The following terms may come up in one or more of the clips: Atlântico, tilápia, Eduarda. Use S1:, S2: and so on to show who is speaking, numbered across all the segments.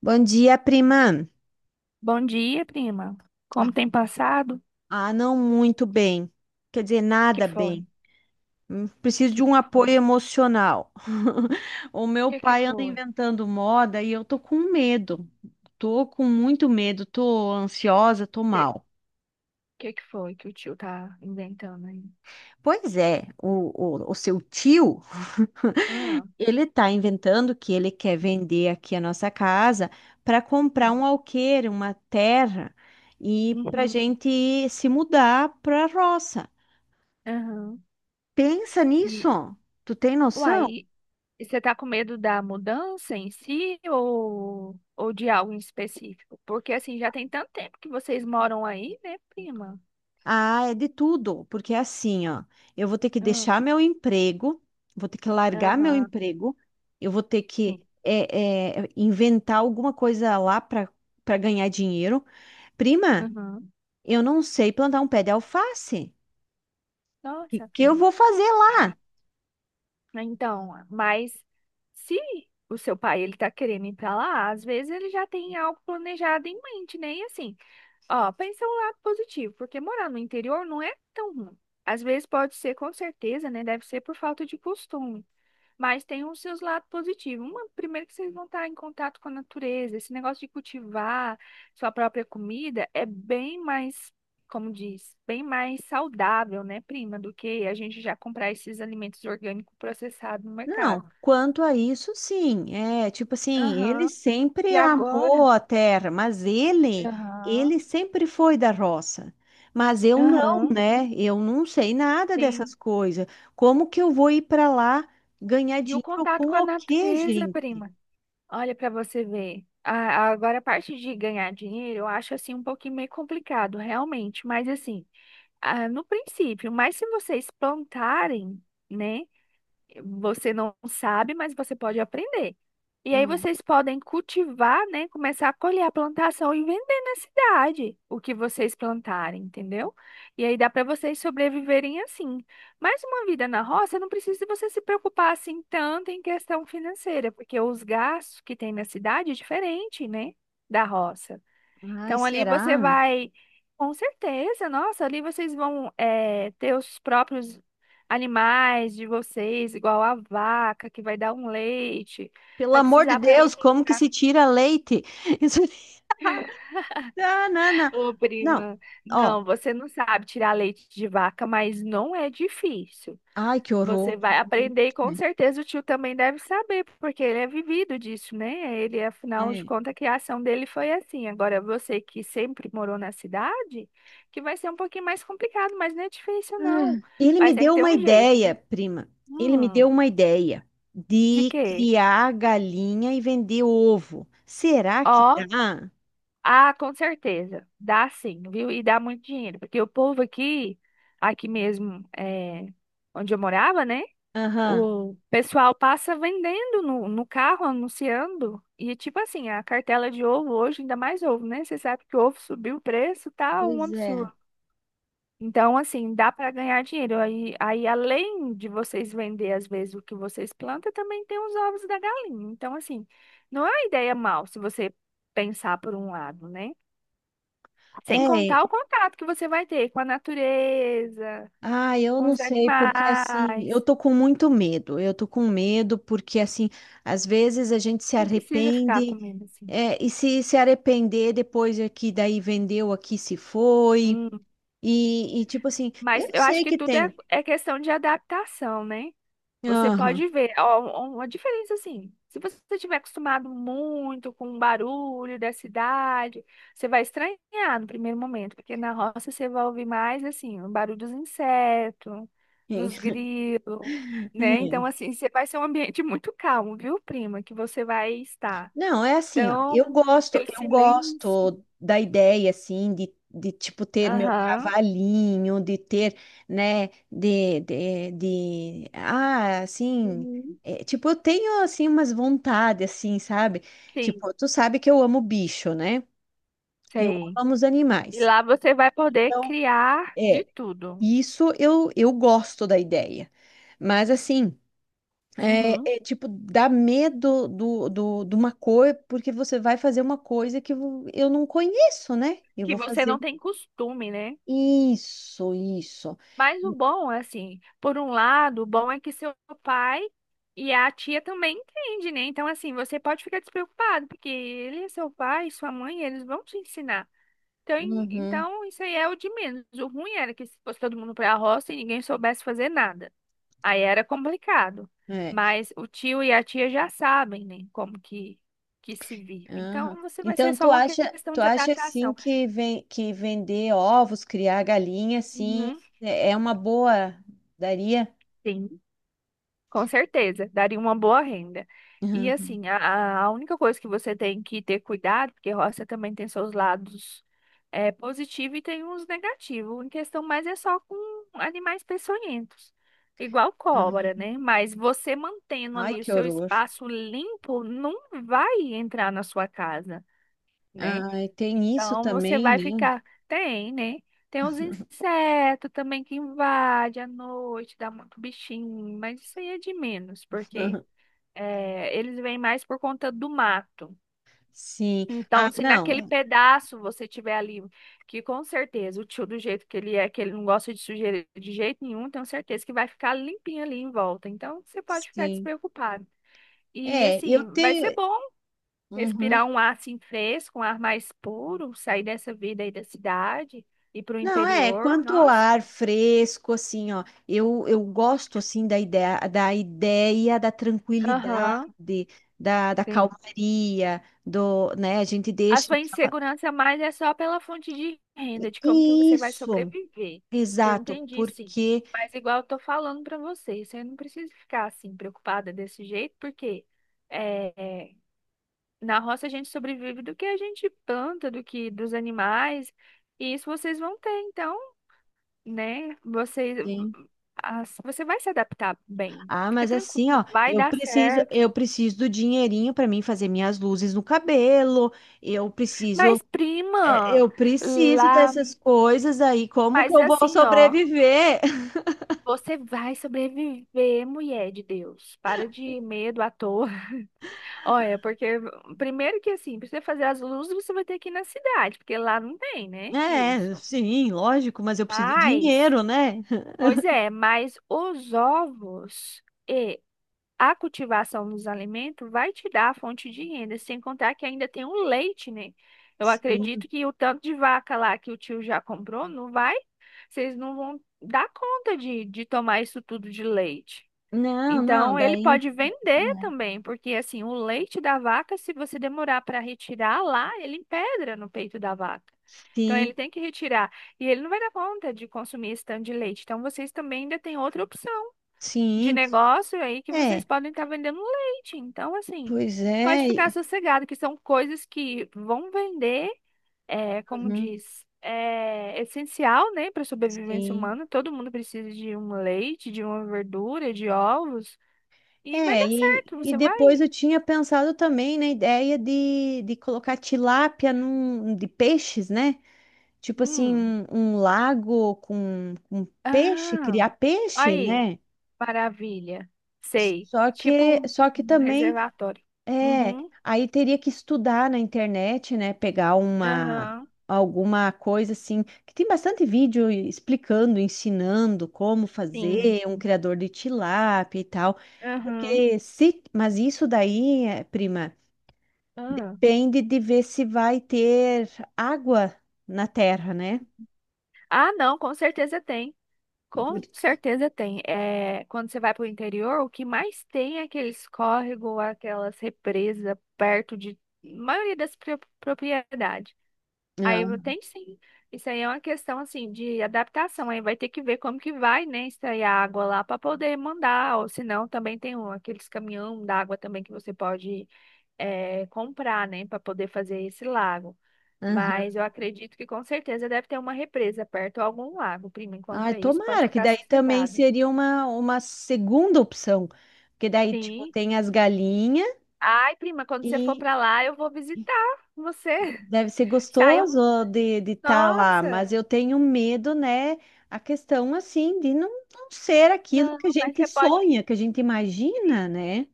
S1: Bom dia, prima.
S2: Bom dia, prima. Como tem passado?
S1: Ah, não muito bem. Quer dizer,
S2: Que
S1: nada
S2: foi?
S1: bem. Preciso
S2: Que
S1: de um
S2: que foi?
S1: apoio emocional. O meu
S2: Que que
S1: pai anda
S2: foi?
S1: inventando moda e eu tô com medo. Tô com muito medo, tô ansiosa, tô
S2: Que
S1: mal.
S2: que que foi que o tio tá inventando aí?
S1: Pois é, o seu tio,
S2: Ah,
S1: ele tá inventando que ele quer vender aqui a nossa casa para comprar
S2: hum,
S1: um alqueire, uma terra, e pra
S2: uhum,
S1: gente se mudar pra roça.
S2: aham.
S1: Pensa
S2: E,
S1: nisso. Tu tem noção?
S2: uai, e você tá com medo da mudança em si ou de algo em específico? Porque, assim, já tem tanto tempo que vocês moram aí, né, prima?
S1: Ah, é de tudo, porque é assim, ó. Eu vou ter que
S2: Ah,
S1: deixar meu emprego, vou ter que largar meu
S2: aham,
S1: emprego, eu vou ter que
S2: sim.
S1: inventar alguma coisa lá para ganhar dinheiro. Prima,
S2: Aham.
S1: eu não sei plantar um pé de alface. O que,
S2: Nossa,
S1: que eu
S2: prima.
S1: vou fazer lá?
S2: Ai, né? Então, mas se o seu pai ele tá querendo ir para lá, às vezes ele já tem algo planejado em mente, né? E assim, ó, pensa um lado positivo, porque morar no interior não é tão ruim. Às vezes pode ser, com certeza, né? Deve ser por falta de costume. Mas tem os seus lados positivos. Uma, primeiro que vocês vão estar em contato com a natureza. Esse negócio de cultivar sua própria comida é bem mais, como diz, bem mais saudável, né, prima, do que a gente já comprar esses alimentos orgânicos processados no mercado.
S1: Não, quanto a isso, sim. É, tipo assim, ele
S2: Aham.
S1: sempre
S2: E
S1: amou
S2: agora?
S1: a terra, mas ele,
S2: Aham.
S1: ele sempre foi da roça. Mas eu não,
S2: Aham.
S1: né? Eu não sei nada dessas
S2: Tem.
S1: coisas. Como que eu vou ir para lá ganhar
S2: E o
S1: dinheiro com
S2: contato com a
S1: o quê,
S2: natureza,
S1: gente?
S2: prima. Olha para você ver. Agora, a parte de ganhar dinheiro, eu acho assim um pouquinho meio complicado, realmente. Mas assim. Ah, no princípio, mas se vocês plantarem, né? Você não sabe, mas você pode aprender. E aí
S1: Hum.
S2: vocês podem cultivar, né? Começar a colher a plantação e vender na cidade o que vocês plantarem, entendeu? E aí dá para vocês sobreviverem assim. Mas uma vida na roça não precisa você se preocupar assim tanto em questão financeira, porque os gastos que tem na cidade é diferente, né? Da roça.
S1: Ai,
S2: Então ali
S1: será?
S2: você vai, com certeza, nossa, ali vocês vão ter os próprios animais de vocês, igual a vaca que vai dar um leite,
S1: Pelo
S2: vai
S1: amor de
S2: precisar para ir
S1: Deus, como que
S2: pegar.
S1: se tira leite? Isso. Não, não, não.
S2: Ô,
S1: Não,
S2: prima, não,
S1: ó.
S2: você não sabe tirar leite de vaca, mas não é difícil.
S1: Ai, que horror.
S2: Você vai aprender e com certeza o tio também deve saber, porque ele é vivido disso, né? Ele, afinal de
S1: É.
S2: contas, a criação dele foi assim. Agora, você que sempre morou na cidade, que vai ser um pouquinho mais complicado, mas não é difícil, não.
S1: Ah, ele me
S2: Mas tem que
S1: deu
S2: ter
S1: uma
S2: um jeito,
S1: ideia,
S2: viu?
S1: prima. Ele me
S2: Hum,
S1: deu uma ideia
S2: de
S1: de
S2: quê?
S1: criar galinha e vender ovo. Será que
S2: Ó,
S1: dá?
S2: ah, com certeza. Dá sim, viu? E dá muito dinheiro, porque o povo aqui, aqui mesmo, é, onde eu morava, né?
S1: Aham,
S2: O pessoal passa vendendo no carro, anunciando. E tipo assim, a cartela de ovo hoje, ainda mais ovo, né? Você sabe que o ovo subiu o preço, tá um
S1: pois é.
S2: absurdo. Então, assim, dá para ganhar dinheiro. Aí, além de vocês vender, às vezes, o que vocês plantam, também tem os ovos da galinha. Então, assim, não é uma ideia mal se você pensar por um lado, né? Sem
S1: É,
S2: contar o contato que você vai ter com a natureza,
S1: ah, eu
S2: com
S1: não
S2: os
S1: sei, porque assim, eu
S2: animais.
S1: tô com muito medo. Eu tô com medo porque assim, às vezes a gente se
S2: Não precisa ficar
S1: arrepende,
S2: comendo assim.
S1: é, e se se arrepender depois é que daí vendeu aqui se foi. E tipo assim,
S2: Mas
S1: eu
S2: eu acho
S1: sei
S2: que
S1: que
S2: tudo é,
S1: tem.
S2: é questão de adaptação, né? Você
S1: Aham.
S2: pode ver, ó, uma diferença assim. Se você estiver acostumado muito com o barulho da cidade, você vai estranhar no primeiro momento, porque na roça você vai ouvir mais assim, o barulho dos insetos, dos grilos, né? Então,
S1: É.
S2: assim, você vai ser um ambiente muito calmo, viu, prima, que você vai estar.
S1: Não, é assim, ó.
S2: Então,
S1: Eu gosto,
S2: aquele
S1: eu
S2: silêncio.
S1: gosto da ideia assim de tipo ter meu
S2: Aham.
S1: cavalinho, de ter, né, assim,
S2: Uhum.
S1: é, tipo, eu tenho assim umas vontades assim, sabe?
S2: Sim,
S1: Tipo, tu sabe que eu amo bicho, né? Eu
S2: sei.
S1: amo os
S2: E
S1: animais.
S2: lá você vai poder
S1: Então,
S2: criar de
S1: é,
S2: tudo.
S1: isso eu gosto da ideia. Mas assim,
S2: Uhum.
S1: tipo, dá medo de uma cor, porque você vai fazer uma coisa que eu não conheço, né? Eu
S2: Que
S1: vou
S2: você
S1: fazer
S2: não
S1: um.
S2: tem costume, né?
S1: Isso, isso.
S2: Mas o bom, é assim, por um lado, o bom é que seu pai e a tia também entendem, né? Então, assim, você pode ficar despreocupado, porque ele, é seu pai, sua mãe, eles vão te ensinar. Então, em-
S1: Uhum,
S2: então, isso aí é o de menos. O ruim era que se fosse todo mundo para a roça e ninguém soubesse fazer nada. Aí era complicado.
S1: é,
S2: Mas o tio e a tia já sabem, né, como que se vive.
S1: aham.
S2: Então, você vai ser
S1: Então,
S2: só
S1: tu
S2: uma
S1: acha,
S2: questão
S1: tu
S2: de
S1: acha assim
S2: adaptação.
S1: que, ven que vender ovos, criar galinha, assim,
S2: Uhum,
S1: é uma boa, daria?
S2: sim. Com certeza, daria uma boa renda. E
S1: Uhum,
S2: assim, a única coisa que você tem que ter cuidado, porque roça também tem seus lados é, positivos e tem uns negativos. Em questão mais é só com animais peçonhentos, igual cobra,
S1: uhum.
S2: né? Mas você mantendo
S1: Ai,
S2: ali o
S1: que
S2: seu
S1: horror.
S2: espaço limpo, não vai entrar na sua casa, né?
S1: Ai, tem isso
S2: Então você
S1: também,
S2: vai
S1: né?
S2: ficar. Tem, né? Tem uns insetos também que invadem à noite, dá muito bichinho, mas isso aí é de menos, porque é, eles vêm mais por conta do mato.
S1: Sim. Ah,
S2: Então, se naquele
S1: não.
S2: pedaço você tiver ali, que com certeza o tio, do jeito que ele é, que ele não gosta de sujeira de jeito nenhum, tenho certeza que vai ficar limpinho ali em volta. Então, você pode ficar
S1: Sim.
S2: despreocupado. E
S1: É, eu
S2: assim, vai
S1: tenho.
S2: ser bom
S1: Uhum.
S2: respirar um ar assim fresco, um ar mais puro, sair dessa vida aí da cidade, ir para o
S1: Não, é,
S2: interior,
S1: quanto ao
S2: nossa.
S1: ar fresco, assim, ó, eu gosto, assim, da ideia, da tranquilidade,
S2: Aham,
S1: da
S2: sim.
S1: calmaria, do, né, a gente
S2: A
S1: deixa
S2: sua
S1: aquela.
S2: insegurança mais é só pela fonte de renda, de como que você vai
S1: Isso,
S2: sobreviver. Que eu
S1: exato,
S2: entendi, sim.
S1: porque.
S2: Mas igual eu tô falando para você, você não precisa ficar assim preocupada desse jeito, porque é, é, na roça a gente sobrevive do que a gente planta, do que dos animais, e isso vocês vão ter, então. Né? Você,
S1: Sim.
S2: você vai se adaptar bem.
S1: Ah,
S2: Fica
S1: mas assim,
S2: tranquilo,
S1: ó,
S2: vai
S1: eu
S2: dar
S1: preciso, eu
S2: certo.
S1: preciso do dinheirinho para mim fazer minhas luzes no cabelo, eu preciso,
S2: Mas,
S1: é,
S2: prima,
S1: eu preciso
S2: lá,
S1: dessas coisas aí, como que
S2: mas
S1: eu vou
S2: assim, ó,
S1: sobreviver?
S2: você vai sobreviver, mulher de Deus. Para de medo à toa. Olha, porque primeiro que assim, pra você fazer as luzes, você vai ter que ir na cidade, porque lá não tem, né?
S1: É,
S2: Isso.
S1: sim, lógico, mas eu preciso de
S2: Mas,
S1: dinheiro, né?
S2: pois é, mas os ovos. A cultivação dos alimentos vai te dar a fonte de renda, sem contar que ainda tem o leite, né? Eu
S1: Sim.
S2: acredito que o tanto de vaca lá que o tio já comprou, não vai, vocês não vão dar conta de tomar isso tudo de leite.
S1: Não, não,
S2: Então, ele
S1: daí.
S2: pode vender também, porque assim, o leite da vaca, se você demorar para retirar lá, ele empedra no peito da vaca. Então, ele
S1: Sim,
S2: tem que retirar. E ele não vai dar conta de consumir esse tanto de leite. Então, vocês também ainda têm outra opção de
S1: sim.
S2: negócio aí que vocês
S1: É,
S2: podem estar vendendo leite. Então, assim,
S1: pois
S2: pode
S1: é.
S2: ficar sossegado, que são coisas que vão vender, é, como
S1: Uhum,
S2: diz, é essencial, né, para a sobrevivência
S1: sim.
S2: humana. Todo mundo precisa de um leite, de uma verdura, de ovos. E vai
S1: É,
S2: dar
S1: e,
S2: certo,
S1: e
S2: você vai.
S1: depois eu tinha pensado também na ideia de colocar tilápia de peixes, né? Tipo assim,
S2: Hum.
S1: um lago com peixe,
S2: Ah,
S1: criar peixe,
S2: aí,
S1: né?
S2: maravilha. Sei.
S1: Só
S2: Tipo
S1: que,
S2: um
S1: só que também.
S2: reservatório.
S1: É,
S2: Uhum.
S1: aí teria que estudar na internet, né? Pegar uma
S2: Aham.
S1: alguma coisa assim, que tem bastante vídeo explicando, ensinando como
S2: Sim.
S1: fazer um criador de tilápia e tal.
S2: Aham.
S1: Porque se, mas isso daí, prima,
S2: ah
S1: depende de ver se vai ter água na terra, né?
S2: Ah, não, com certeza tem. Com
S1: Por-
S2: certeza tem. É, quando você vai para o interior, o que mais tem é aqueles córregos, aquelas represas perto de maioria das propriedades.
S1: Ah,
S2: Tem sim. Isso aí é uma questão assim de adaptação. Aí vai ter que ver como que vai, né, extrair a água lá para poder mandar. Ou senão também tem aqueles caminhão d'água também que você pode comprar, né, para poder fazer esse lago. Mas
S1: aham.
S2: eu acredito que com certeza deve ter uma represa perto ou algum lago, prima. Enquanto
S1: Ai,
S2: é isso, pode
S1: tomara, que
S2: ficar
S1: daí também
S2: sossegada.
S1: seria uma segunda opção. Porque daí, tipo,
S2: Sim.
S1: tem as galinhas
S2: Ai, prima, quando você for
S1: e
S2: para lá, eu vou visitar você.
S1: Deve ser
S2: Saiu.
S1: gostoso de estar lá,
S2: Nossa!
S1: mas eu tenho medo, né? A questão assim de não ser aquilo
S2: Não,
S1: que a
S2: mas
S1: gente
S2: você pode.
S1: sonha, que a gente imagina, né?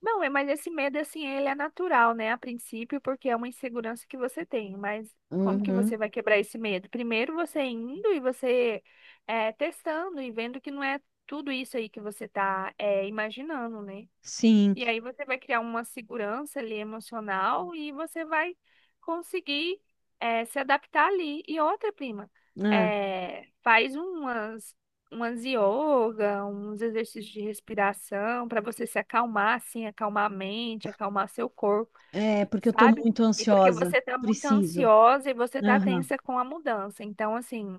S2: Não, mas esse medo, assim, ele é natural, né, a princípio, porque é uma insegurança que você tem, mas como que você
S1: Uhum.
S2: vai quebrar esse medo? Primeiro você indo e você é, testando e vendo que não é tudo isso aí que você tá é, imaginando, né?
S1: Sim,
S2: E aí você vai criar uma segurança ali emocional e você vai conseguir se adaptar ali. E outra, prima,
S1: ah,
S2: faz umas, umas yoga, uns exercícios de respiração para você se acalmar, assim, acalmar a mente, acalmar seu corpo,
S1: é porque eu estou
S2: sabe?
S1: muito
S2: E porque
S1: ansiosa.
S2: você tá muito
S1: Preciso.
S2: ansiosa e você tá
S1: Aham,
S2: tensa com a mudança. Então, assim,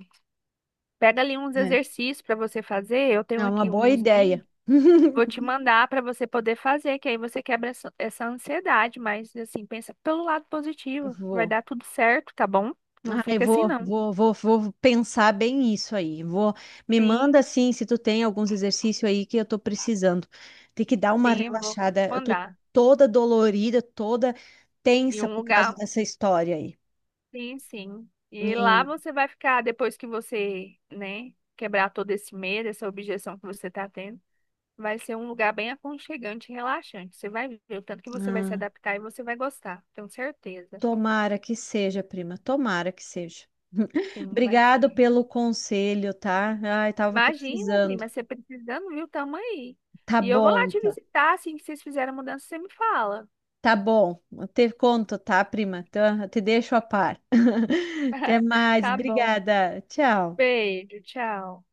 S2: pega ali uns
S1: É,
S2: exercícios para você fazer. Eu tenho
S1: é uma
S2: aqui
S1: boa
S2: uns links.
S1: ideia.
S2: Vou te mandar para você poder fazer, que aí você quebra essa ansiedade, mas assim, pensa pelo lado positivo. Vai
S1: Vou.
S2: dar tudo certo, tá bom? Não
S1: Ai,
S2: fica assim,
S1: vou,
S2: não.
S1: vou, vou, vou pensar bem isso aí. Me manda
S2: Sim,
S1: assim se tu tem alguns exercícios aí que eu tô precisando. Tem que dar uma
S2: sim, eu vou
S1: relaxada. Eu tô
S2: mandar.
S1: toda dolorida, toda
S2: E
S1: tensa
S2: um
S1: por causa
S2: lugar,
S1: dessa história aí.
S2: sim, sim. E lá
S1: Me,
S2: você vai ficar, depois que você, né, quebrar todo esse medo, essa objeção que você tá tendo, vai ser um lugar bem aconchegante e relaxante. Você vai ver o tanto que você vai se
S1: ah,
S2: adaptar e você vai gostar, tenho certeza.
S1: tomara que seja, prima. Tomara que seja.
S2: Sim, vai.
S1: Obrigado pelo conselho, tá? Ai, tava
S2: Imagina,
S1: precisando.
S2: prima, você precisando, viu? Tamo aí.
S1: Tá
S2: E eu vou
S1: bom,
S2: lá te
S1: então.
S2: visitar, assim que vocês fizerem a mudança, você me fala.
S1: Tá bom, eu te conto, tá, prima? Tá, eu te deixo a par. Até mais,
S2: Tá bom.
S1: obrigada. Tchau.
S2: Beijo, tchau.